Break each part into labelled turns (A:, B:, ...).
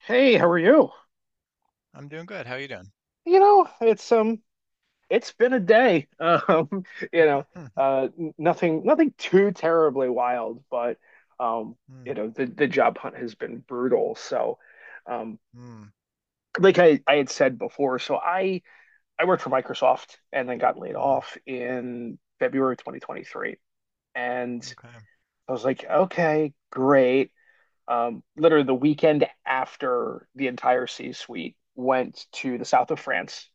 A: Hey, how are you?
B: I'm doing good. How are you doing?
A: You know, it's It's been a day. You know,
B: Mm,
A: Nothing too terribly wild, but um,
B: mm,
A: the job hunt has been brutal. So, um,
B: mm,
A: like I had said before, so I worked for Microsoft and then got laid
B: mm,
A: off in February 2023, and
B: okay.
A: I was like, okay, great. Literally the weekend after the entire C-suite went to the south of France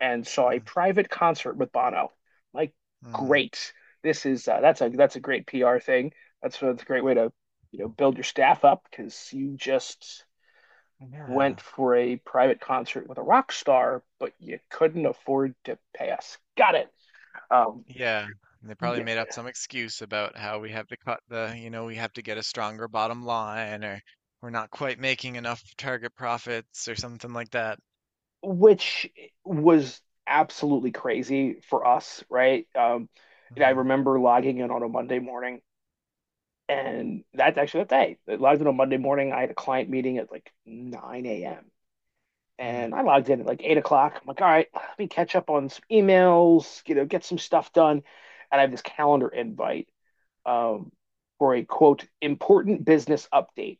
A: and saw a
B: Mm,
A: private concert with Bono. Like,
B: mm.
A: great. This is That's a great PR thing. That's a great way to, you know, build your staff up because you just
B: Yeah.
A: went for a private concert with a rock star, but you couldn't afford to pay us. Got it. Um,
B: Yeah. And they probably
A: yeah,
B: made up some excuse about how we have to cut the, we have to get a stronger bottom line or we're not quite making enough target profits or something like that.
A: which was absolutely crazy for us, right? And I
B: Mm,
A: remember logging in on a Monday morning. And that's actually that day. I logged in on Monday morning. I had a client meeting at like 9 a.m.
B: mm,
A: And I logged in at like 8 o'clock. I'm like, all right, let me catch up on some emails, you know, get some stuff done. And I have this calendar invite, um, for a quote, important business update.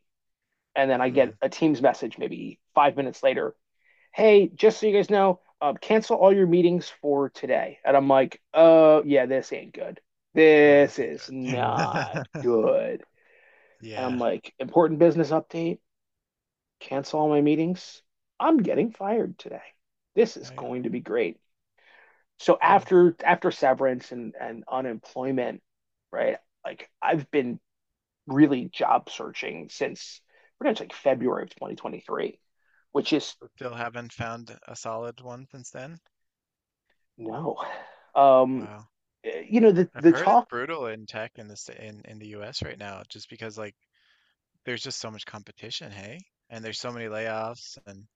A: And then I get
B: mm.
A: a Teams message maybe 5 minutes later. Hey, just so you guys know, cancel all your meetings for today. And I'm like, oh, yeah, this ain't good.
B: Oh,
A: This
B: that's
A: is
B: ain't
A: not
B: good.
A: good. And I'm
B: Yeah.
A: like, important business update, cancel all my meetings. I'm getting fired today. This is
B: Right.
A: going to be great. So
B: Yeah.
A: after severance and unemployment, right? Like I've been really job searching since pretty much like February of 2023, which is
B: But still haven't found a solid one since then.
A: no. Um,
B: Wow.
A: you know, the
B: I've heard it's
A: talk.
B: brutal in tech in the US right now just because like there's just so much competition, hey? And there's so many layoffs and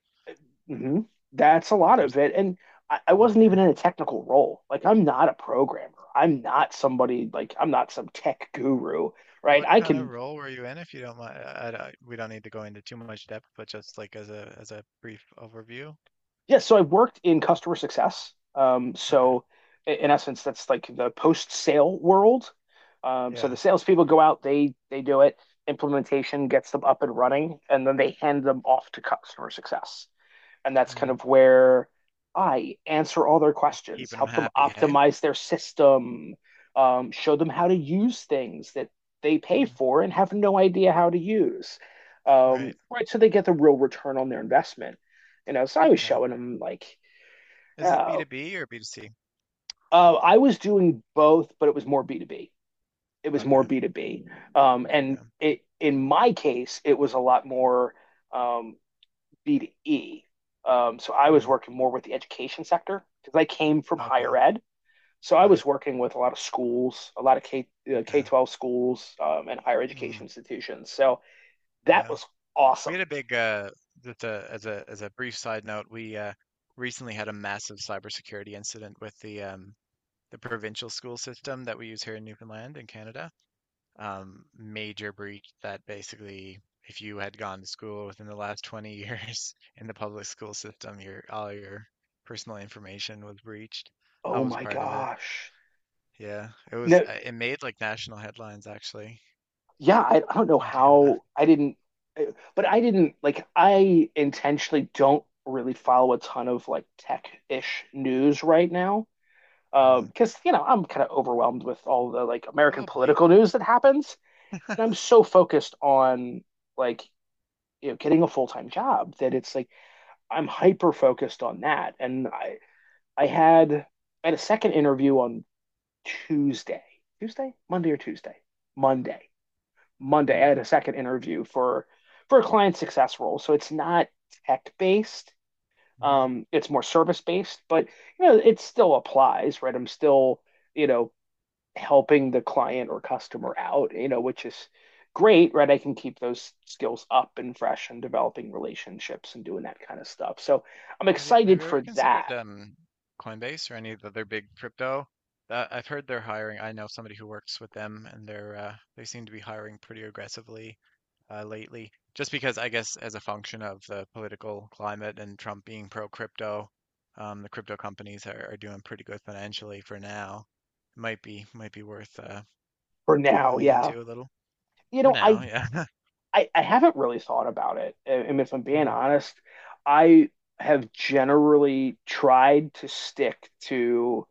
A: Hmm. That's a lot
B: there's.
A: of it. And I wasn't even in a technical role. Like, I'm not a programmer. I'm not somebody, like, I'm not some tech guru, right?
B: What
A: I
B: kind of
A: can,
B: role were you in if you don't mind? We don't need to go into too much depth, but just like as a brief overview.
A: yeah. So I worked in customer success.
B: Okay.
A: So in essence, that's like the post-sale world. So the
B: Yeah.
A: salespeople go out, they do it, implementation gets them up and running, and then they hand them off to customer success. And that's kind
B: Mm.
A: of where I answer all their
B: You're
A: questions,
B: keeping them
A: help them
B: happy, hey?
A: optimize their system, show them how to use things that they pay
B: Mm,
A: for and have no idea how to use,
B: right.
A: right? So they get the real return on their investment. You know, so I was
B: Okay.
A: showing them like,
B: Is this
A: uh,
B: B2B or B2C?
A: I was doing both, but it was more B two B. It was more
B: Okay.
A: B two B. And
B: Yeah.
A: it in my case, it was a lot more um, B to E. So I was
B: Mm,
A: working more with the education sector because I came from higher
B: okay.
A: ed. So I was
B: Right.
A: working with a lot of schools, a lot of K
B: Okay.
A: 12 schools, and higher
B: Mm,
A: education institutions. So that
B: yeah.
A: was
B: We
A: awesome.
B: had a big just a, as a brief side note, we recently had a massive cybersecurity incident with the provincial school system that we use here in Newfoundland and Canada. Major breach that basically, if you had gone to school within the last 20 years in the public school system, your all your personal information was breached. I
A: Oh
B: was
A: my
B: part of it.
A: gosh!
B: Yeah, it was.
A: No,
B: It made like national headlines actually
A: yeah, I don't know
B: in Canada.
A: how I didn't, but I didn't. Like, I intentionally don't really follow a ton of like tech-ish news right now,
B: Mm.
A: because you know, I'm kind of overwhelmed with all the like
B: A
A: American
B: little bleak.
A: political news that happens. And I'm so focused on, like, you know, getting a full time job, that it's like I'm hyper focused on that. And I had, I had a second interview on Tuesday, Monday or Monday, Monday.
B: Mm.
A: I had a second interview for a client success role, so it's not tech based.
B: Hmm. Mm-hmm.
A: It's more service based, but you know, it still applies, right? I'm still, you know, helping the client or customer out, you know, which is great, right? I can keep those skills up and fresh and developing relationships and doing that kind of stuff. So I'm
B: Have
A: excited
B: you
A: for
B: ever considered
A: that
B: Coinbase or any of the other big crypto? I've heard they're hiring. I know somebody who works with them, and they seem to be hiring pretty aggressively lately. Just because I guess as a function of the political climate and Trump being pro crypto, the crypto companies are doing pretty good financially for now. It might be worth
A: for now.
B: tuning
A: Yeah.
B: into a little
A: You
B: for
A: know,
B: now. Yeah.
A: I haven't really thought about it. And if I'm being
B: Mm,
A: honest, I have generally tried to stick to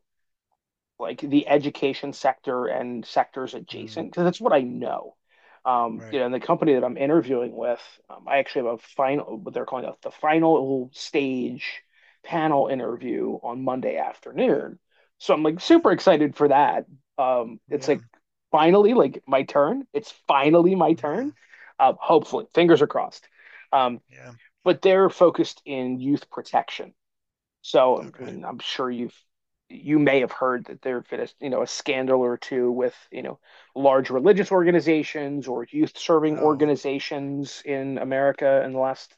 A: like the education sector and sectors
B: mm,
A: adjacent, because that's what I know. You
B: right.
A: know, and the company that I'm interviewing with, I actually have a final, what they're calling a, the final stage panel interview on Monday afternoon. So I'm like
B: Yeah.
A: super excited for that. It's
B: Yeah.
A: like finally, like, my turn. It's finally my turn.
B: Hmm.
A: Hopefully, fingers are crossed. Um,
B: Yeah.
A: but they're focused in youth protection. So, I
B: Okay.
A: mean, I'm sure you may have heard that there have been a, you know, a scandal or two with, you know, large religious organizations or youth serving
B: Oh.
A: organizations in America in the last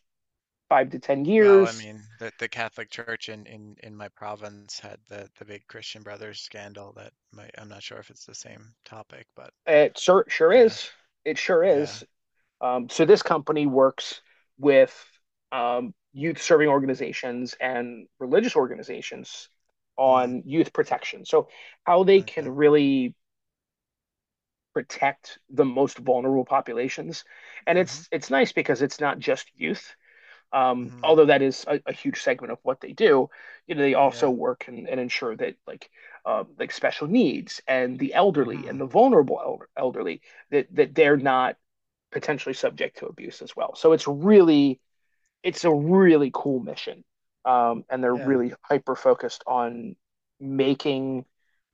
A: five to 10
B: Well, I
A: years.
B: mean, the Catholic Church in my province had the big Christian Brothers scandal that might, I'm not sure if it's the same topic, but
A: It sure
B: yeah,
A: is. It sure
B: yeah.
A: is. So this company works with, youth serving organizations and religious organizations
B: Mm,
A: on youth protection. So how they
B: okay.
A: can really protect the most vulnerable populations. And
B: Mm-hmm.
A: it's nice because it's not just youth,
B: Mm-hmm.
A: although that is a huge segment of what they do. You know, they also
B: Yeah.
A: work and ensure that, like, like special needs and the elderly and
B: Mm-hmm.
A: the vulnerable elderly, that they're not potentially subject to abuse as well. So it's really, it's a really cool mission. And they're
B: Yeah.
A: really hyper focused on making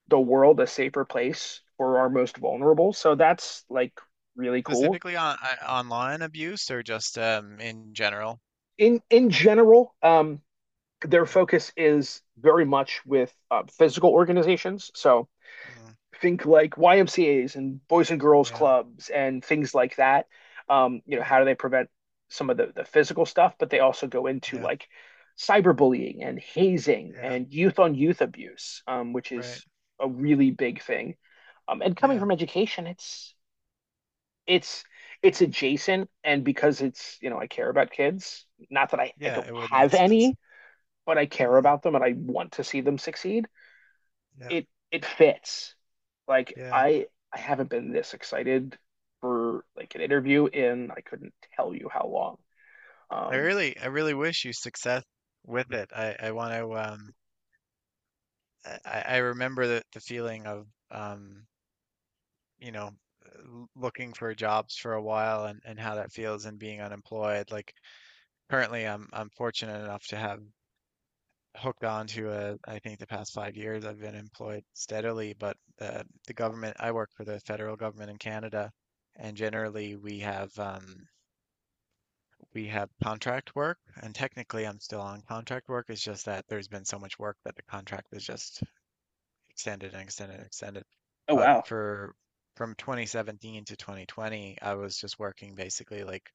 A: the world a safer place for our most vulnerable. So that's like really cool.
B: Specifically on online abuse or just in general?
A: In general, their
B: Mm,
A: focus is very much with physical organizations. So
B: mm,
A: think like YMCA's and Boys and Girls
B: yeah.
A: Clubs and things like that. You know,
B: Oh,
A: how do they prevent some of the physical stuff? But they also go into
B: yeah.
A: like cyberbullying and hazing
B: Yeah.
A: and youth on youth abuse, which
B: Right.
A: is a really big thing. And coming
B: Yeah.
A: from education, it's it's adjacent, and because it's, you know, I care about kids, not that I
B: Yeah,
A: don't
B: it would make
A: have
B: sense.
A: any, but I care
B: Mm,
A: about them and I want to see them succeed,
B: yeah.
A: it fits, like,
B: Yeah.
A: I haven't been this excited for like an interview in, I couldn't tell you how long.
B: I
A: Um,
B: really I really wish you success with it. I want to I remember the feeling of you know looking for jobs for a while and how that feels and being unemployed. Like currently, I'm fortunate enough to have hooked on to a, I think the past 5 years I've been employed steadily, but the government I work for the federal government in Canada, and generally we have contract work, and technically I'm still on contract work. It's just that there's been so much work that the contract is just extended and extended and extended.
A: oh
B: But
A: wow.
B: for from 2017 to 2020, I was just working basically like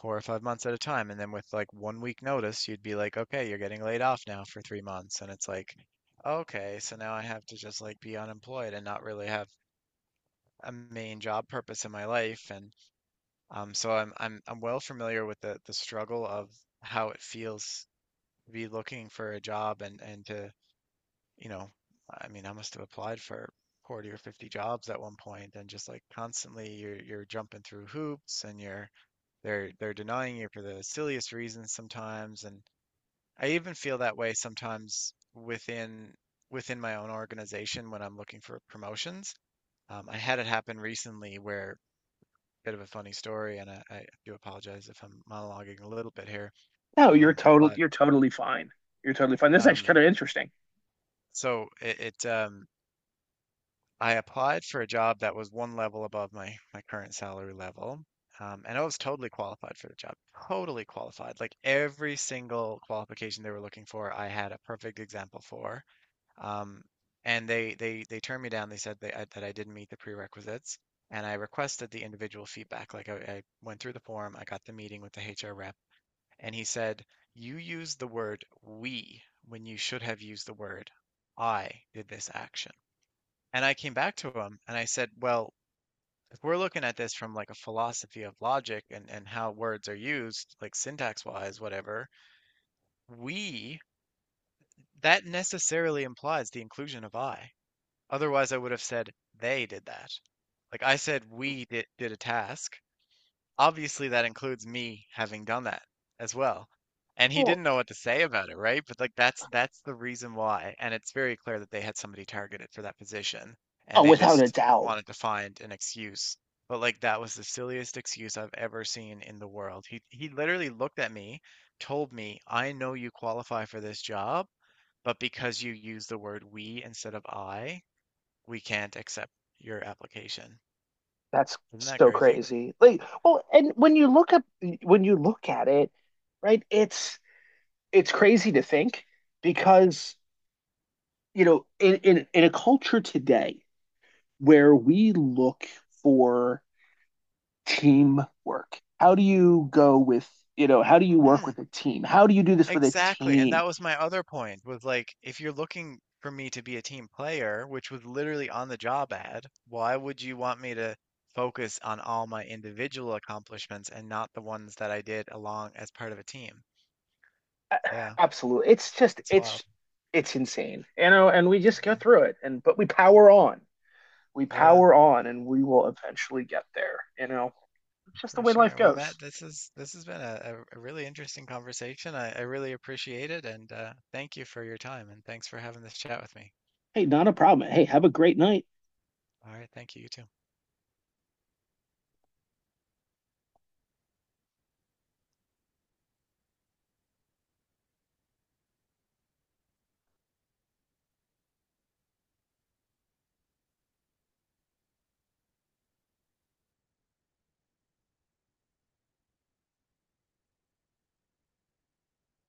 B: 4 or 5 months at a time. And then with like one week notice, you'd be like, okay, you're getting laid off now for 3 months. And it's like, okay, so now I have to just like be unemployed and not really have a main job purpose in my life. And so I'm well familiar with the struggle of how it feels to be looking for a job and you know, I mean, I must have applied for 40 or 50 jobs at one point and just like constantly you're jumping through hoops and you're they're denying you for the silliest reasons sometimes, and I even feel that way sometimes within my own organization when I'm looking for promotions. I had it happen recently where bit of a funny story, and I do apologize if I'm monologuing a little bit here.
A: No,
B: But
A: you're totally fine. You're totally fine, this is actually
B: um
A: kind of interesting.
B: so it I applied for a job that was one level above my current salary level. And I was totally qualified for the job. Totally qualified. Like every single qualification they were looking for, I had a perfect example for. Um, and they turned me down. They said that I didn't meet the prerequisites. And I requested the individual feedback. Like I went through the form, I got the meeting with the HR rep, and he said, "You used the word 'we' when you should have used the word 'I' did this action." And I came back to him and I said, well, if we're looking at this from like a philosophy of logic and how words are used, like syntax wise, whatever, we, that necessarily implies the inclusion of I. Otherwise, I would have said they did that. Like I said, we did a task. Obviously that includes me having done that as well. And he
A: Well,
B: didn't know what to say about it, right? But like that's the reason why. And it's very clear that they had somebody targeted for that position
A: oh,
B: and they
A: without a
B: just
A: doubt.
B: wanted to find an excuse. But like that was the silliest excuse I've ever seen in the world. He literally looked at me, told me, "I know you qualify for this job, but because you use the word we instead of I, we can't accept your application."
A: That's
B: Isn't that
A: so
B: crazy?
A: crazy. Like, well, and when you look up, when you look at it, right, it's crazy to think, because, you know, in in a culture today where we look for teamwork, how do you go with, you know, how do you work with
B: hmm
A: a team? How do you do this with a
B: Exactly, and
A: team?
B: that was my other point was like if you're looking for me to be a team player, which was literally on the job ad, why would you want me to focus on all my individual accomplishments and not the ones that I did along as part of a team?
A: A-
B: Yeah,
A: Absolutely. It's just
B: that's wild.
A: It's insane. You know, and we just go
B: Yeah.
A: through it and but we power on. We
B: Yeah,
A: power on and we will eventually get there, you know. It's just the
B: for
A: way life
B: sure. Well,
A: goes.
B: Matt, this has been a really interesting conversation. I really appreciate it and thank you for your time and thanks for having this chat with me.
A: Hey, not a problem. Hey, have a great night.
B: All right, thank you, you too.